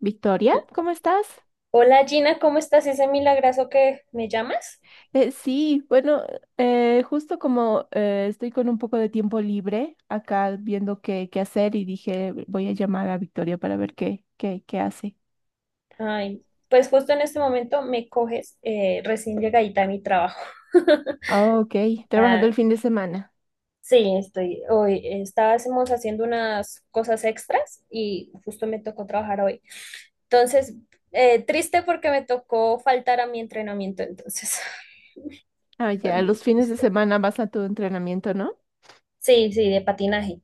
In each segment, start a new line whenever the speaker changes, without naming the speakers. Victoria, ¿cómo estás?
Hola Gina, ¿cómo estás? Ese milagrazo que me llamas.
Sí, bueno, justo como estoy con un poco de tiempo libre acá viendo qué hacer y dije, voy a llamar a Victoria para ver qué hace.
Ay, pues justo en este momento me coges recién llegadita a mi trabajo.
Ah, ok, trabajando
Ah,
el fin de semana.
sí, estoy hoy. Estábamos haciendo unas cosas extras y justo me tocó trabajar hoy. Entonces, triste porque me tocó faltar a mi entrenamiento, entonces
Ah,
fue
ya,
muy
los fines de
triste.
semana vas a tu entrenamiento, ¿no?
Sí, sí, de patinaje.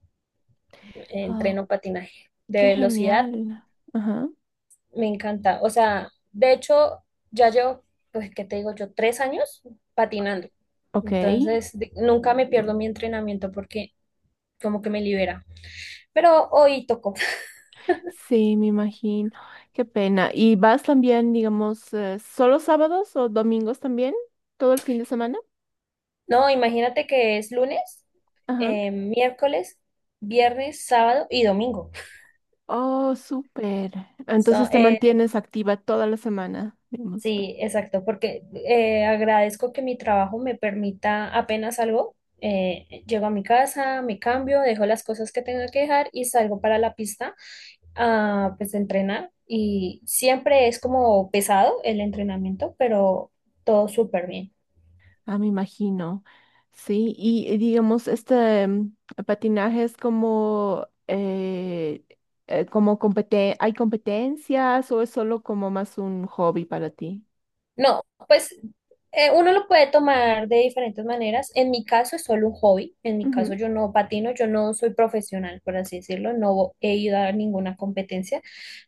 Oh,
Entreno patinaje de
qué
velocidad.
genial. Ajá,
Me encanta. O sea, de hecho, ya llevo, pues, ¿qué te digo yo? Tres años patinando.
ok.
Entonces, nunca me pierdo mi entrenamiento porque como que me libera. Pero hoy tocó.
Sí, me imagino. Qué pena. ¿Y vas también, digamos, solo sábados o domingos también? ¿Todo el fin de semana?
No, imagínate que es lunes,
Ajá.
miércoles, viernes, sábado y domingo.
Oh, súper.
So,
Entonces te
eh,
mantienes activa toda la semana, digamos.
Sí, exacto, porque agradezco que mi trabajo me permita apenas algo. Llego a mi casa, me cambio, dejo las cosas que tenga que dejar y salgo para la pista a pues entrenar. Y siempre es como pesado el entrenamiento, pero todo súper bien.
Ah, me imagino. Sí, y digamos, este patinaje es como ¿hay competencias o es solo como más un hobby para ti?
No, pues uno lo puede tomar de diferentes maneras. En mi caso es solo un hobby. En mi caso
Ujú.
yo no patino, yo no soy profesional, por así decirlo. No he ido a ninguna competencia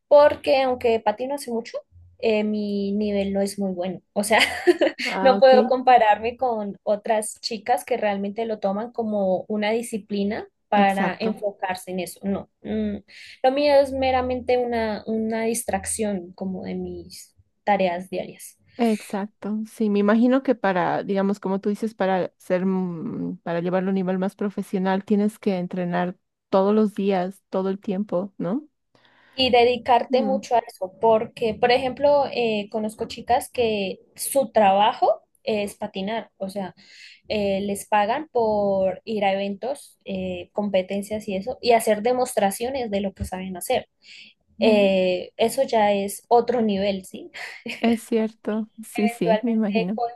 porque aunque patino hace mucho, mi nivel no es muy bueno. O sea,
Ah,
no
ok.
puedo compararme con otras chicas que realmente lo toman como una disciplina para
Exacto.
enfocarse en eso. No, mm, lo mío es meramente una distracción como de mis tareas diarias.
Exacto. Sí, me imagino que para, digamos, como tú dices, para ser, para llevarlo a un nivel más profesional, tienes que entrenar todos los días, todo el tiempo, ¿no?
Y dedicarte
Mm,
mucho a eso, porque, por ejemplo, conozco chicas que su trabajo es patinar, o sea, les pagan por ir a eventos, competencias y eso, y hacer demostraciones de lo que saben hacer.
mm,
Eso ya es otro nivel, ¿sí?
Es cierto, sí, sí, me
Eventualmente
imagino.
con,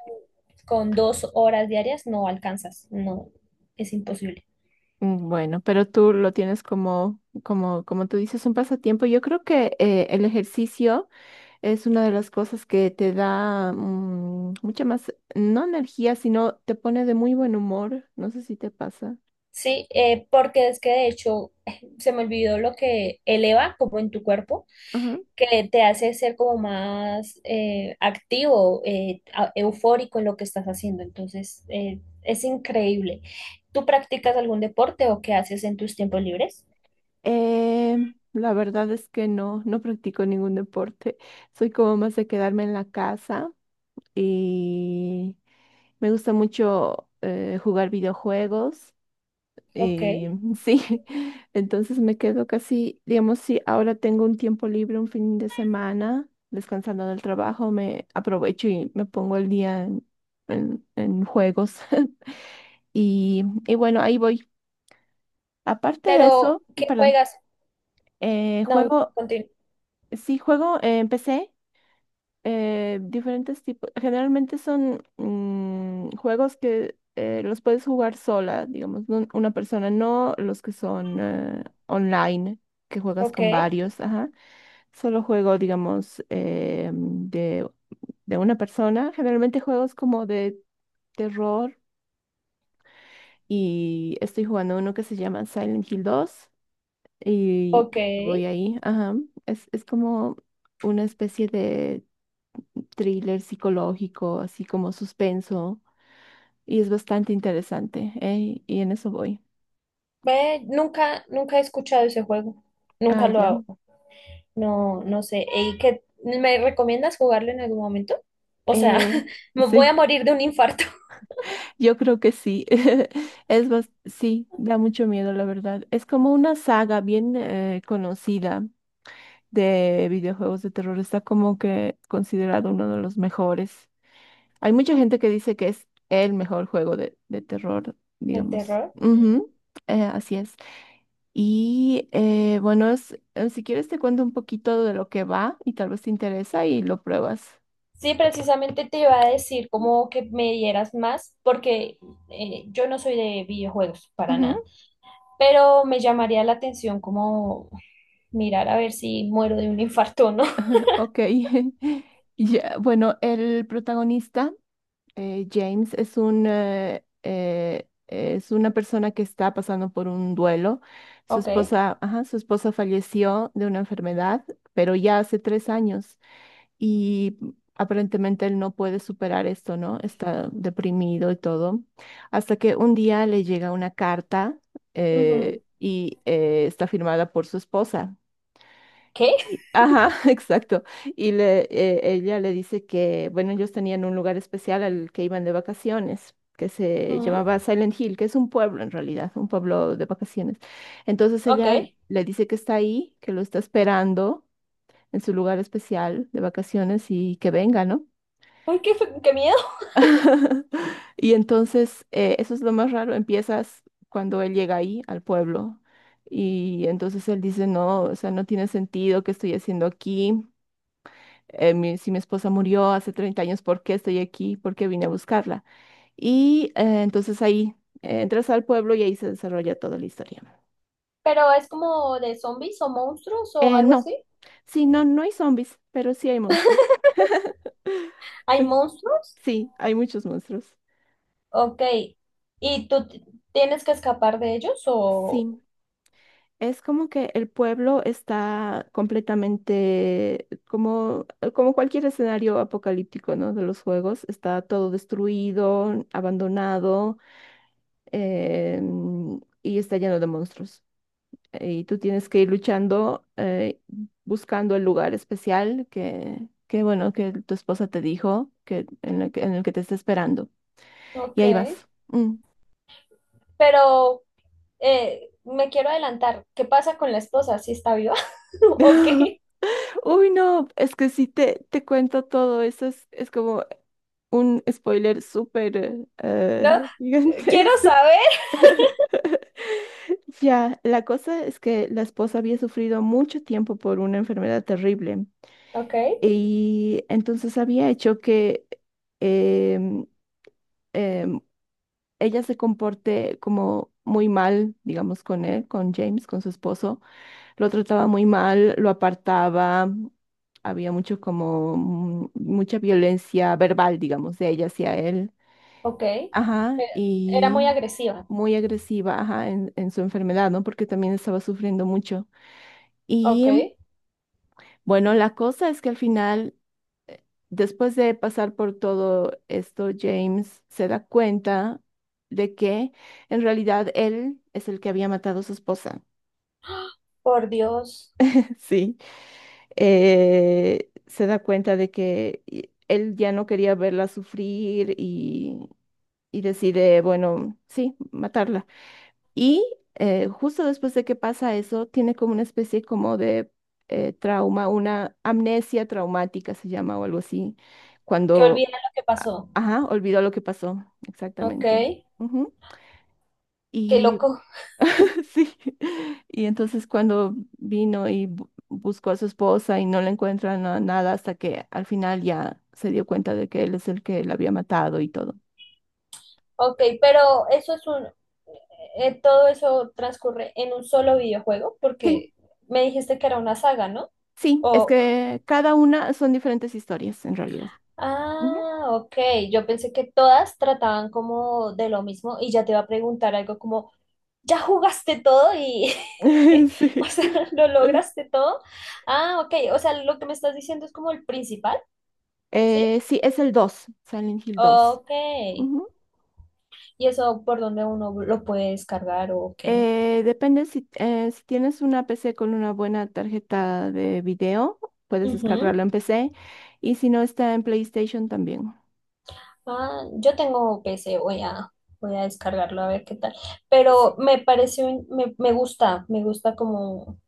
con dos horas diarias no alcanzas, no, es imposible.
Mm. Bueno, pero tú lo tienes como tú dices, un pasatiempo. Yo creo que el ejercicio es una de las cosas que te da mucha más, no energía, sino te pone de muy buen humor. No sé si te pasa.
Sí, porque es que de hecho se me olvidó lo que eleva como en tu cuerpo,
Ajá.
que te hace ser como más activo, eufórico en lo que estás haciendo. Entonces, es increíble. ¿Tú practicas algún deporte o qué haces en tus tiempos libres?
Eh, la verdad es que no practico ningún deporte. Soy como más de quedarme en la casa y me gusta mucho jugar videojuegos.
Ok.
Eh, sí, entonces me quedo casi, digamos, si ahora tengo un tiempo libre, un fin de semana, descansando del trabajo, me aprovecho y me pongo el día en en juegos. Y, y bueno, ahí voy. Aparte de
Pero,
eso,
¿qué
perdón,
juegas?
eh,
No,
juego,
continúa.
sí, juego en PC diferentes tipos. Generalmente son juegos que los puedes jugar sola, digamos, una persona, no los que son online, que juegas
Ok,
con varios, ajá. Solo juego, digamos, de una persona. Generalmente juegos como de terror y estoy jugando uno que se llama Silent Hill 2 y
ok.
voy ahí, ajá. Es como una especie de thriller psicológico, así como suspenso, y es bastante interesante, ¿eh? Y en eso voy.
Ve, nunca he escuchado ese juego.
Ah,
Nunca lo
ya.
hago. No, no sé. ¿Y qué? ¿Me recomiendas jugarlo en algún momento? O sea,
Eh,
me voy a
sí,
morir de un infarto.
yo creo que sí. Sí, da mucho miedo, la verdad. Es como una saga bien conocida de videojuegos de terror. Está como que considerado uno de los mejores. Hay mucha gente que dice que es el mejor juego de terror,
¿De
digamos.
terror?
Ujú, así es. Bueno, si quieres te cuento un poquito de lo que va y tal vez te interesa y lo pruebas.
Sí, precisamente te iba a decir como que me dieras más, porque yo no soy de videojuegos para
Ujú,
nada, pero me llamaría la atención como mirar a ver si muero de un infarto o no.
ok. Ya, bueno, el protagonista, James, es una persona que está pasando por un duelo. Su
Ok.
esposa, ajá, su esposa falleció de una enfermedad, pero ya hace 3 años. Y aparentemente él no puede superar esto, ¿no? Está deprimido y todo, hasta que un día le llega una carta
Ujú.
está firmada por su esposa.
¿Qué?
Ajá, exacto. Y ella le dice que, bueno, ellos tenían un lugar especial al que iban de vacaciones, que se
Ujú.
llamaba Silent Hill, que es un pueblo en realidad, un pueblo de vacaciones. Entonces
Ok.
ella
Ay,
le dice que está ahí, que lo está esperando en su lugar especial de vacaciones y que venga, ¿no?
qué miedo.
Y entonces, eso es lo más raro, empiezas cuando él llega ahí al pueblo y entonces él dice, no, o sea, no tiene sentido que estoy haciendo aquí. Si mi esposa murió hace 30 años, ¿por qué estoy aquí? ¿Por qué vine a buscarla? Entonces ahí entras al pueblo y ahí se desarrolla toda la historia.
Pero es como de zombies o monstruos o algo
No,
así.
sí, no, no hay zombies, pero sí hay monstruos.
¿Hay monstruos?
Sí, hay muchos monstruos.
Ok. ¿Y tú t- ¿Tienes que escapar de ellos o...?
Sí. Es como que el pueblo está completamente, como, como cualquier escenario apocalíptico, ¿no? De los juegos, está todo destruido, abandonado, em, y está lleno de monstruos. Y tú tienes que ir luchando, buscando el lugar especial que, bueno, que tu esposa te dijo que en el que te está esperando. Y
Ok.
ahí vas. Mm.
Pero me quiero adelantar. ¿Qué pasa con la esposa? ¿Si está viva? Ok.
Uy, no, es que si te cuento todo eso, es como un spoiler súper
No, quiero
gigantesco.
saber.
Ya, la cosa es que la esposa había sufrido mucho tiempo por una enfermedad terrible
Ok.
y entonces había hecho que em, em, ella se comporte como muy mal, digamos, con él, con James, con su esposo. Lo trataba muy mal, lo apartaba, había mucho como mucha violencia verbal, digamos, de ella hacia él.
Ok.
Ajá,
Era muy
y
agresiva.
muy agresiva, ajá, en su enfermedad, ¿no? Porque también estaba sufriendo mucho. Y
Ok.
bueno, la cosa es que al final, después de pasar por todo esto, James se da cuenta de que en realidad él es el que había matado a su esposa.
Por Dios.
Sí, se da cuenta de que él ya no quería verla sufrir y decide, bueno, sí, matarla. Y justo después de que pasa eso, tiene como una especie como de trauma, una amnesia traumática se llama o algo así,
Que
cuando,
olvidan lo que pasó.
ajá, olvidó lo que pasó,
Ok,
exactamente.
qué
Ujú. Y
loco.
sí, y entonces cuando vino y buscó a su esposa y no le encuentra nada hasta que al final ya se dio cuenta de que él es el que la había matado y todo.
Ok, pero eso es un... todo eso transcurre en un solo videojuego
Sí,
porque me dijiste que era una saga, ¿no?
sí, es
O...
que cada una son diferentes historias en realidad.
Ah, ok. Yo pensé que todas trataban como de lo mismo y ya te iba a preguntar algo como, ¿ya jugaste todo y... O
Sí.
sea, ¿lo lograste todo? Ah, ok. O sea, lo que me estás diciendo es como el principal, ¿sí?
Sí, es el 2, Silent Hill 2.
Ok.
Ujú.
¿Y eso por dónde uno lo puede descargar o qué?
Depende si tienes una PC con una buena tarjeta de video, puedes
Ujú.
descargarlo en PC y si no está en PlayStation también.
Ah, yo tengo PC, voy a descargarlo a ver qué tal. Pero
Sí.
me parece, me gusta como,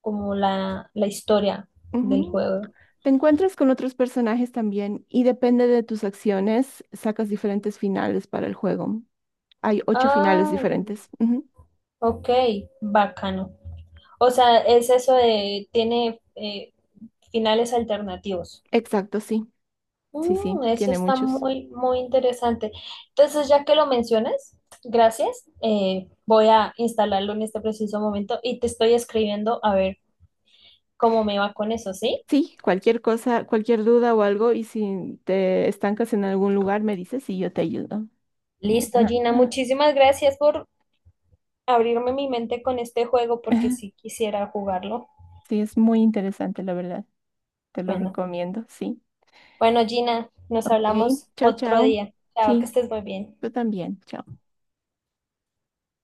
como la historia del
Ujú.
juego.
Te encuentras con otros personajes también y depende de tus acciones, sacas diferentes finales para el juego. Hay 8 finales
Ah,
diferentes. Ujú.
ok, bacano. O sea, es eso de, tiene finales alternativos.
Exacto, sí. Sí, sí,
Mm, eso
tiene
está
muchos.
muy interesante. Entonces, ya que lo mencionas, gracias. Voy a instalarlo en este preciso momento y te estoy escribiendo a ver cómo me va con eso, ¿sí?
Sí, cualquier cosa, cualquier duda o algo, y si te estancas en algún lugar, me dices y yo te ayudo.
Listo,
Ajá.
Gina. Muchísimas gracias por abrirme mi mente con este juego porque sí quisiera jugarlo.
Sí, es muy interesante, la verdad. Te lo
Bueno,
recomiendo, sí.
bueno, Gina, nos
Ok,
hablamos
chao,
otro
chao.
día. Chao, que
Sí,
estés muy bien.
yo también. Chao.